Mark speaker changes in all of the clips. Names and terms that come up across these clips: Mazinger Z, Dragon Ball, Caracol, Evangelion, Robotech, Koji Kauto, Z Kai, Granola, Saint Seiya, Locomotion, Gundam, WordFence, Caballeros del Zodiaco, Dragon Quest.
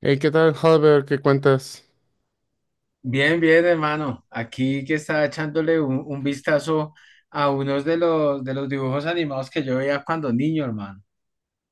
Speaker 1: Hey, ¿qué tal, Halber? ¿Qué cuentas?
Speaker 2: Bien, bien, hermano. Aquí que estaba echándole un vistazo a unos de los dibujos animados que yo veía cuando niño, hermano.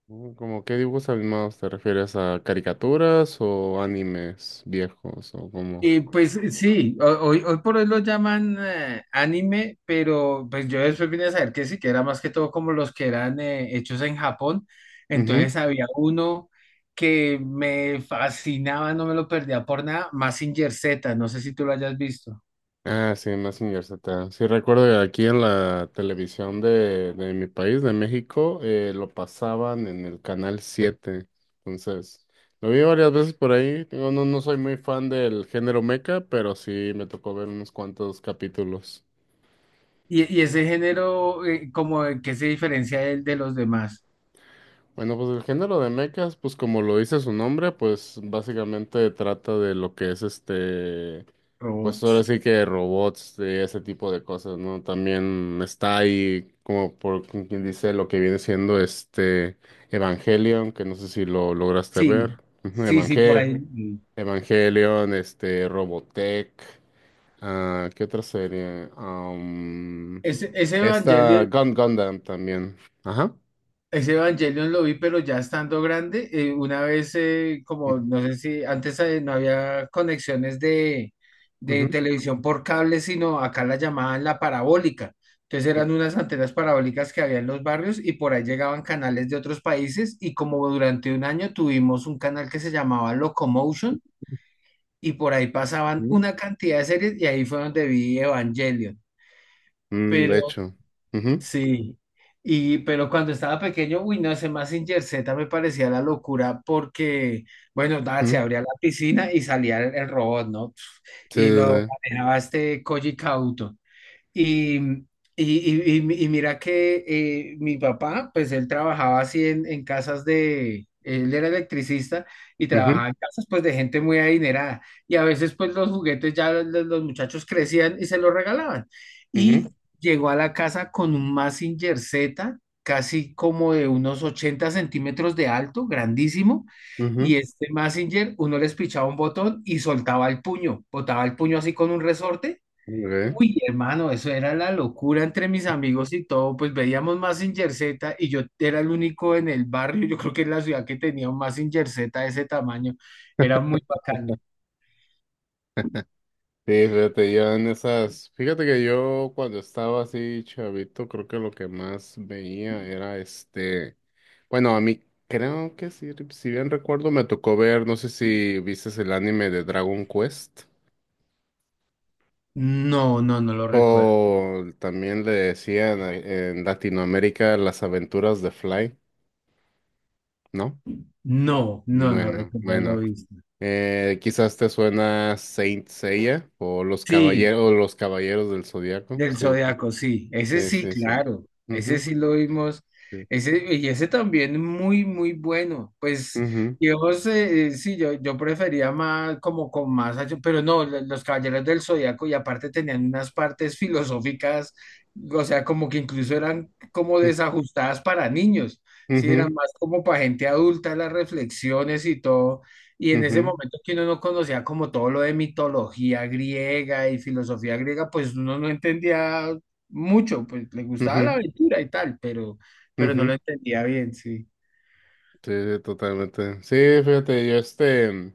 Speaker 1: Mm, ¿cómo qué dibujos animados? Te refieres a caricaturas o animes viejos, ¿o cómo?
Speaker 2: Y pues sí, hoy por hoy lo llaman anime, pero pues yo después vine a saber que sí, que era más que todo como los que eran hechos en Japón.
Speaker 1: Ujú.
Speaker 2: Entonces había uno que me fascinaba, no me lo perdía por nada, Mazinger Z, no sé si tú lo hayas visto.
Speaker 1: Ah, sí, Mazinger Z. Sí, recuerdo que aquí en la televisión de mi país, de México, lo pasaban en el canal 7. Entonces, lo vi varias veces por ahí. Digo, no soy muy fan del género mecha, pero sí me tocó ver unos cuantos capítulos.
Speaker 2: Y ese género, como en qué se diferencia del de los demás
Speaker 1: Bueno, pues el género de mechas, pues como lo dice su nombre, pues básicamente trata de lo que es este, pues ahora
Speaker 2: robots?
Speaker 1: sí que robots, de ese tipo de cosas, ¿no? También está ahí, como por quien dice, lo que viene siendo este Evangelion, que no sé si lo lograste ver.
Speaker 2: Sí,
Speaker 1: Ujú,
Speaker 2: sí, sí, por ahí. Mm.
Speaker 1: Evangelion, este, Robotech, ah, ¿qué otra serie? Am,
Speaker 2: Ese
Speaker 1: esta
Speaker 2: Evangelion,
Speaker 1: Gun Gundam también. Ajá.
Speaker 2: ese Evangelion lo vi, pero ya estando grande, una vez, como no sé si antes no había conexiones de,
Speaker 1: Ujú,
Speaker 2: de televisión por cable, sino acá la llamaban la parabólica. Entonces eran unas antenas parabólicas que había en los barrios y por ahí llegaban canales de otros países y como durante un año tuvimos un canal que se llamaba Locomotion y por ahí pasaban
Speaker 1: ujú.
Speaker 2: una cantidad de series y ahí fue donde vi Evangelion.
Speaker 1: Mm,
Speaker 2: Pero
Speaker 1: de hecho. Ujú,
Speaker 2: sí, y pero cuando estaba pequeño, uy, no, ese Mazinger Z me parecía la locura porque, bueno, nada, se
Speaker 1: ujú.
Speaker 2: abría la piscina y salía el robot, ¿no?
Speaker 1: Sí,
Speaker 2: Y
Speaker 1: sí,
Speaker 2: lo
Speaker 1: sí.
Speaker 2: manejaba este Koji Kauto. Y, y, y mira que mi papá, pues él trabajaba así en casas de, él era electricista y
Speaker 1: Ujú,
Speaker 2: trabajaba en casas pues de gente muy adinerada. Y a veces pues los juguetes ya los muchachos crecían y se los regalaban.
Speaker 1: ujú,
Speaker 2: Y llegó a la casa con un Mazinger Z, casi como de unos 80 centímetros de alto, grandísimo.
Speaker 1: ujú.
Speaker 2: Y este Mazinger, uno les pichaba un botón y soltaba el puño, botaba el puño así con un resorte.
Speaker 1: Ok.
Speaker 2: Uy, hermano, eso era la locura entre mis amigos y todo, pues veíamos Mazinger Z y yo era el único en el barrio, yo creo que en la ciudad que tenía un Mazinger Z de ese tamaño, era muy bacano.
Speaker 1: Sí, fíjate, yo en esas. Fíjate que yo cuando estaba así chavito, creo que lo que más veía era este. Bueno, a mí creo que sí, si bien recuerdo, me tocó ver, no sé si viste el anime de Dragon Quest.
Speaker 2: No, no, no lo recuerdo.
Speaker 1: O también le decían en Latinoamérica las aventuras de Fly, ¿no?
Speaker 2: No, no, no, no
Speaker 1: Bueno,
Speaker 2: recuerdo haberlo
Speaker 1: bueno.
Speaker 2: visto.
Speaker 1: Quizás te suena Saint Seiya
Speaker 2: Sí,
Speaker 1: o los caballeros del Zodiaco.
Speaker 2: del
Speaker 1: Sí, sí,
Speaker 2: Zodiaco, sí, ese
Speaker 1: sí,
Speaker 2: sí,
Speaker 1: sí, sí.
Speaker 2: claro, ese
Speaker 1: Ujú,
Speaker 2: sí lo vimos,
Speaker 1: sí.
Speaker 2: y ese también muy, muy bueno, pues,
Speaker 1: Ujú,
Speaker 2: digamos, sí, yo prefería más, como con más acción, pero no, los Caballeros del Zodiaco, y aparte tenían unas partes filosóficas, o sea, como que incluso eran como desajustadas para niños, sí, eran
Speaker 1: ujú,
Speaker 2: más como para gente adulta, las reflexiones y todo, y en ese
Speaker 1: ujú,
Speaker 2: momento que uno no conocía como todo lo de mitología griega y filosofía griega, pues uno no entendía mucho, pues le gustaba la
Speaker 1: ujú,
Speaker 2: aventura y tal,
Speaker 1: ujú.
Speaker 2: pero no lo
Speaker 1: Ujú.
Speaker 2: entendía bien, sí.
Speaker 1: Sí, sí, totalmente. Sí, fíjate, yo este,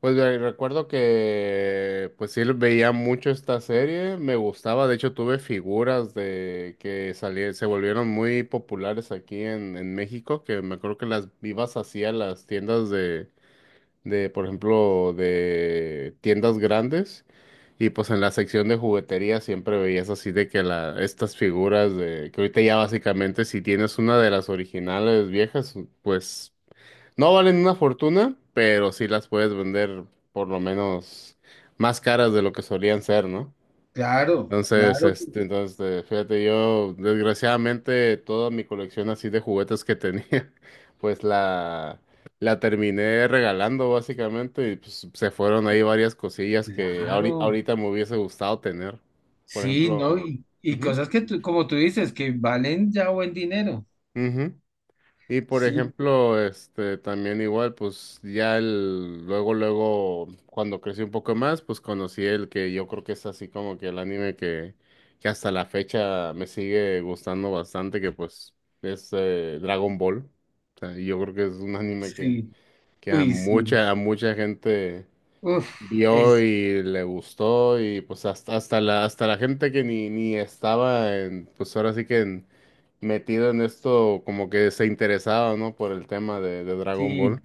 Speaker 1: recuerdo que pues sí veía mucho esta serie, me gustaba. De hecho, tuve figuras de que salían, se volvieron muy populares aquí en México, que me acuerdo que las vivas hacía las tiendas de por ejemplo, de tiendas grandes. Y pues en la sección de juguetería siempre veías así de que la, estas figuras de, que ahorita ya básicamente si tienes una de las originales viejas, pues no valen una fortuna, pero sí las puedes vender por lo menos más caras de lo que solían ser, ¿no?
Speaker 2: Claro,
Speaker 1: Entonces,
Speaker 2: claro,
Speaker 1: este, entonces, fíjate, yo desgraciadamente toda mi colección así de juguetes que tenía, pues la terminé regalando básicamente y pues se fueron ahí varias cosillas que
Speaker 2: claro.
Speaker 1: ahorita me hubiese gustado tener. Por
Speaker 2: Sí,
Speaker 1: ejemplo,
Speaker 2: ¿no? Y
Speaker 1: ujú,
Speaker 2: cosas que tú, como tú dices, que valen ya buen dinero.
Speaker 1: ujú. Y por
Speaker 2: Sí,
Speaker 1: ejemplo, este también igual, pues ya el, luego, luego, cuando crecí un poco más, pues conocí el que yo creo que es así como que el anime que hasta la fecha me sigue gustando bastante, que pues es Dragon Ball. O sea, yo creo que es un anime
Speaker 2: sí.
Speaker 1: que
Speaker 2: Uy, sí.
Speaker 1: a mucha gente
Speaker 2: Uf,
Speaker 1: vio
Speaker 2: es,
Speaker 1: y le gustó, y pues hasta, hasta la gente que ni estaba en, pues ahora sí que en metido en esto, como que se interesaba, ¿no? Por el tema de Dragon Ball.
Speaker 2: sí.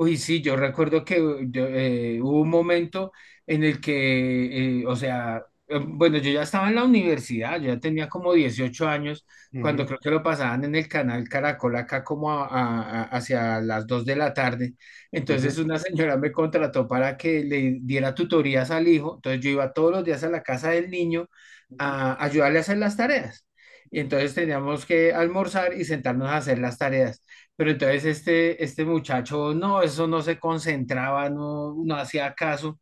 Speaker 2: Uy, sí, yo recuerdo que hubo un momento en el que, o sea, bueno, yo ya estaba en la universidad, yo ya tenía como 18 años, cuando
Speaker 1: Ujú,
Speaker 2: creo que lo pasaban en el canal Caracol acá como hacia las 2 de la tarde. Entonces
Speaker 1: ujú,
Speaker 2: una señora me contrató para que le diera tutorías al hijo, entonces yo iba todos los días a la casa del niño
Speaker 1: ujú,
Speaker 2: a ayudarle a hacer las tareas. Y entonces teníamos que almorzar y sentarnos a hacer las tareas. Pero entonces este muchacho, no, eso no se concentraba, no, no hacía caso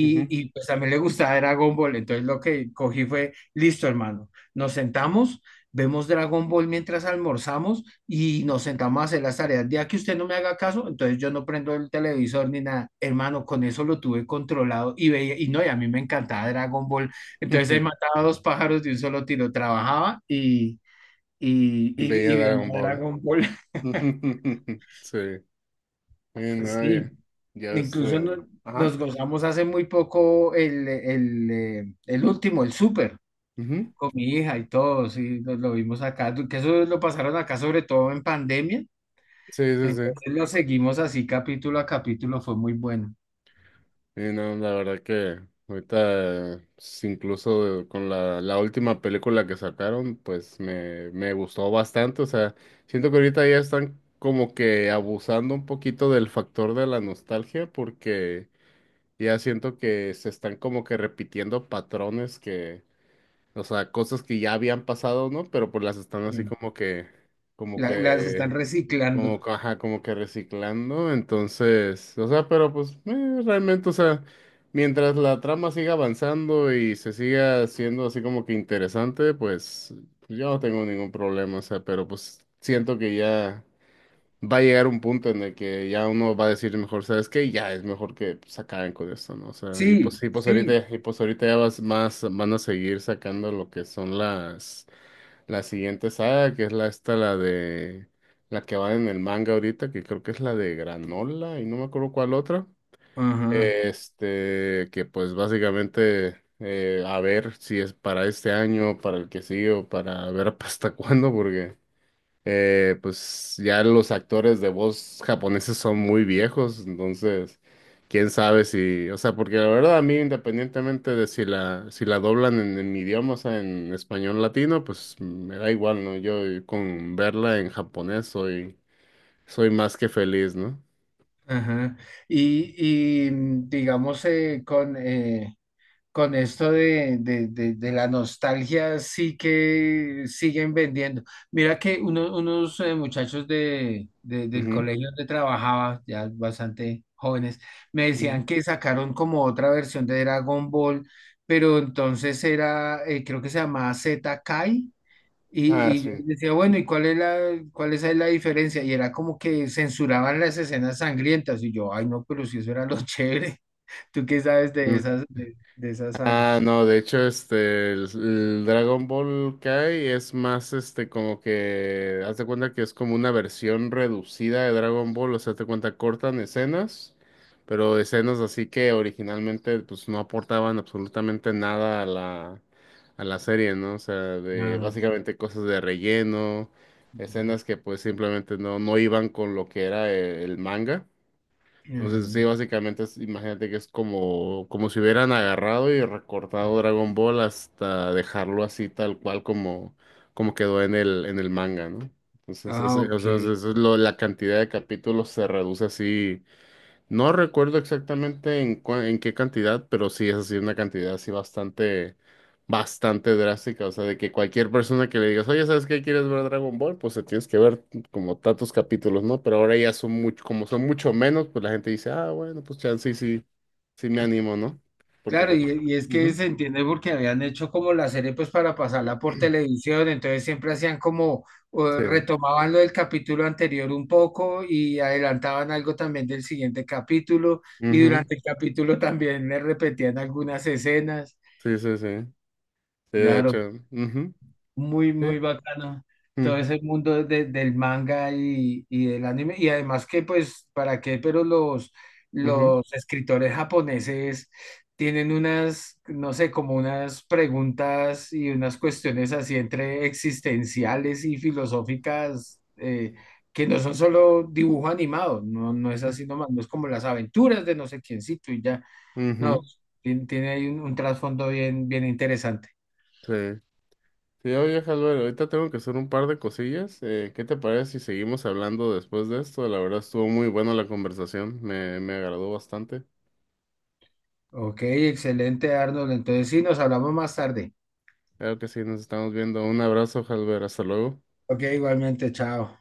Speaker 1: ujú. Ujú.
Speaker 2: y pues también le gustaba Dragon Ball. Entonces lo que cogí fue, listo, hermano, nos sentamos, vemos Dragon Ball mientras almorzamos y nos sentamos a hacer las tareas. Ya que usted no me haga caso, entonces yo no prendo el televisor ni nada. Hermano, con eso lo tuve controlado y veía, y no, y a mí me encantaba Dragon Ball. Entonces él mataba dos pájaros de un solo tiro, trabajaba y, y, y,
Speaker 1: Veía
Speaker 2: y veía
Speaker 1: Dragon Ball.
Speaker 2: Dragon Ball.
Speaker 1: Sí. Y no,
Speaker 2: Sí.
Speaker 1: ya, ya
Speaker 2: Incluso
Speaker 1: este. Ajá.
Speaker 2: nos gozamos hace muy poco el último, el súper,
Speaker 1: Ujú.
Speaker 2: con mi hija y todo, sí, nos lo vimos acá, que eso lo pasaron acá sobre todo en pandemia,
Speaker 1: Sí, sí, sí.
Speaker 2: entonces lo seguimos así capítulo a capítulo, fue muy bueno.
Speaker 1: Y no, la verdad que ahorita, incluso con la última película que sacaron, pues me gustó bastante. O sea, siento que ahorita ya están como que abusando un poquito del factor de la nostalgia porque ya siento que se están como que repitiendo patrones que, o sea, cosas que ya habían pasado, ¿no? Pero pues las están así
Speaker 2: Sí.
Speaker 1: como
Speaker 2: La- las están
Speaker 1: que,
Speaker 2: reciclando.
Speaker 1: como que reciclando. Entonces, o sea, pero pues realmente, o sea, mientras la trama siga avanzando y se siga siendo así como que interesante, pues yo no tengo ningún problema, o sea, pero pues siento que ya va a llegar un punto en el que ya uno va a decir mejor, ¿sabes qué? Ya es mejor que pues acaben con esto, ¿no? O sea,
Speaker 2: Sí, sí.
Speaker 1: y pues ahorita ya vas más, van a seguir sacando lo que son la siguiente saga, que es la esta, la la que va en el manga ahorita, que creo que es la de Granola, y no me acuerdo cuál otra.
Speaker 2: Ajá,
Speaker 1: Este, que pues básicamente a ver si es para este año, para el que sigue o para ver hasta cuándo, porque pues ya los actores de voz japoneses son muy viejos, entonces quién sabe si, o sea, porque la verdad a mí independientemente de si la doblan en mi idioma, o sea, en español latino, pues me da igual, ¿no? Yo con verla en japonés soy más que feliz, no.
Speaker 2: ajá. Y, y, digamos, con esto de la nostalgia sí que siguen vendiendo. Mira que unos muchachos del
Speaker 1: Ujú,
Speaker 2: colegio donde trabajaba, ya bastante jóvenes, me
Speaker 1: ujú.
Speaker 2: decían que sacaron como otra versión de Dragon Ball, pero entonces era, creo que se llamaba Z Kai.
Speaker 1: Ah,
Speaker 2: Y yo
Speaker 1: sí.
Speaker 2: les decía, bueno, ¿y cuál es cuál es ahí la diferencia? Y era como que censuraban las escenas sangrientas. Y yo, ay, no, pero si eso era lo chévere. ¿Tú qué sabes de esas, de esa saga?
Speaker 1: Ah, no, de hecho, este, el Dragon Ball Kai es más, este, como que haz de cuenta que es como una versión reducida de Dragon Ball, o sea, te cuenta, cortan escenas, pero escenas así que originalmente, pues, no aportaban absolutamente nada a a la serie, ¿no? O sea, de,
Speaker 2: Ah,
Speaker 1: básicamente cosas de relleno,
Speaker 2: ujú.
Speaker 1: escenas que, pues, simplemente no iban con lo que era el manga. Entonces, sí, básicamente, imagínate que es como, como si hubieran agarrado y recortado Dragon Ball hasta dejarlo así tal cual como, como quedó en en el manga, ¿no? Entonces,
Speaker 2: Ah, ok.
Speaker 1: la cantidad de capítulos se reduce así. No recuerdo exactamente en qué cantidad, pero sí es así una cantidad así bastante, bastante drástica. O sea, de que cualquier persona que le digas, oye, ¿sabes qué? ¿Quieres ver Dragon Ball? Pues se tienes que ver como tantos capítulos, ¿no? Pero ahora ya son mucho, como son mucho menos, pues la gente dice, ah, bueno, pues chance, sí, sí, sí me animo, ¿no? Porque
Speaker 2: Claro,
Speaker 1: pues,
Speaker 2: y es que
Speaker 1: ujú,
Speaker 2: se entiende porque habían hecho como la serie pues para pasarla por televisión, entonces siempre hacían como
Speaker 1: sí,
Speaker 2: retomaban lo del capítulo anterior un poco y adelantaban algo también del siguiente capítulo y
Speaker 1: ujú,
Speaker 2: durante el capítulo también le repetían algunas escenas.
Speaker 1: sí, sí, sí, sí, de
Speaker 2: Claro.
Speaker 1: hecho, ujú,
Speaker 2: Muy,
Speaker 1: sí,
Speaker 2: muy bacano todo
Speaker 1: ujú,
Speaker 2: ese mundo del manga y del anime. Y además que, pues, ¿para qué? Pero
Speaker 1: ujú,
Speaker 2: los escritores japoneses tienen unas, no sé, como unas preguntas y unas cuestiones así entre existenciales y filosóficas que no son solo dibujo animado, no, no es así nomás, no es como las aventuras de no sé quiéncito y ya, no,
Speaker 1: ujú,
Speaker 2: tiene, tiene ahí un trasfondo bien, bien interesante.
Speaker 1: sí. Sí, oye, Jalber, ahorita tengo que hacer un par de cosillas. ¿Qué te parece si seguimos hablando después de esto? La verdad estuvo muy buena la conversación, me agradó bastante.
Speaker 2: Ok, excelente, Arnold. Entonces sí, nos hablamos más tarde.
Speaker 1: Claro que sí, nos estamos viendo. Un abrazo, Jalber, hasta luego.
Speaker 2: Ok, igualmente, chao.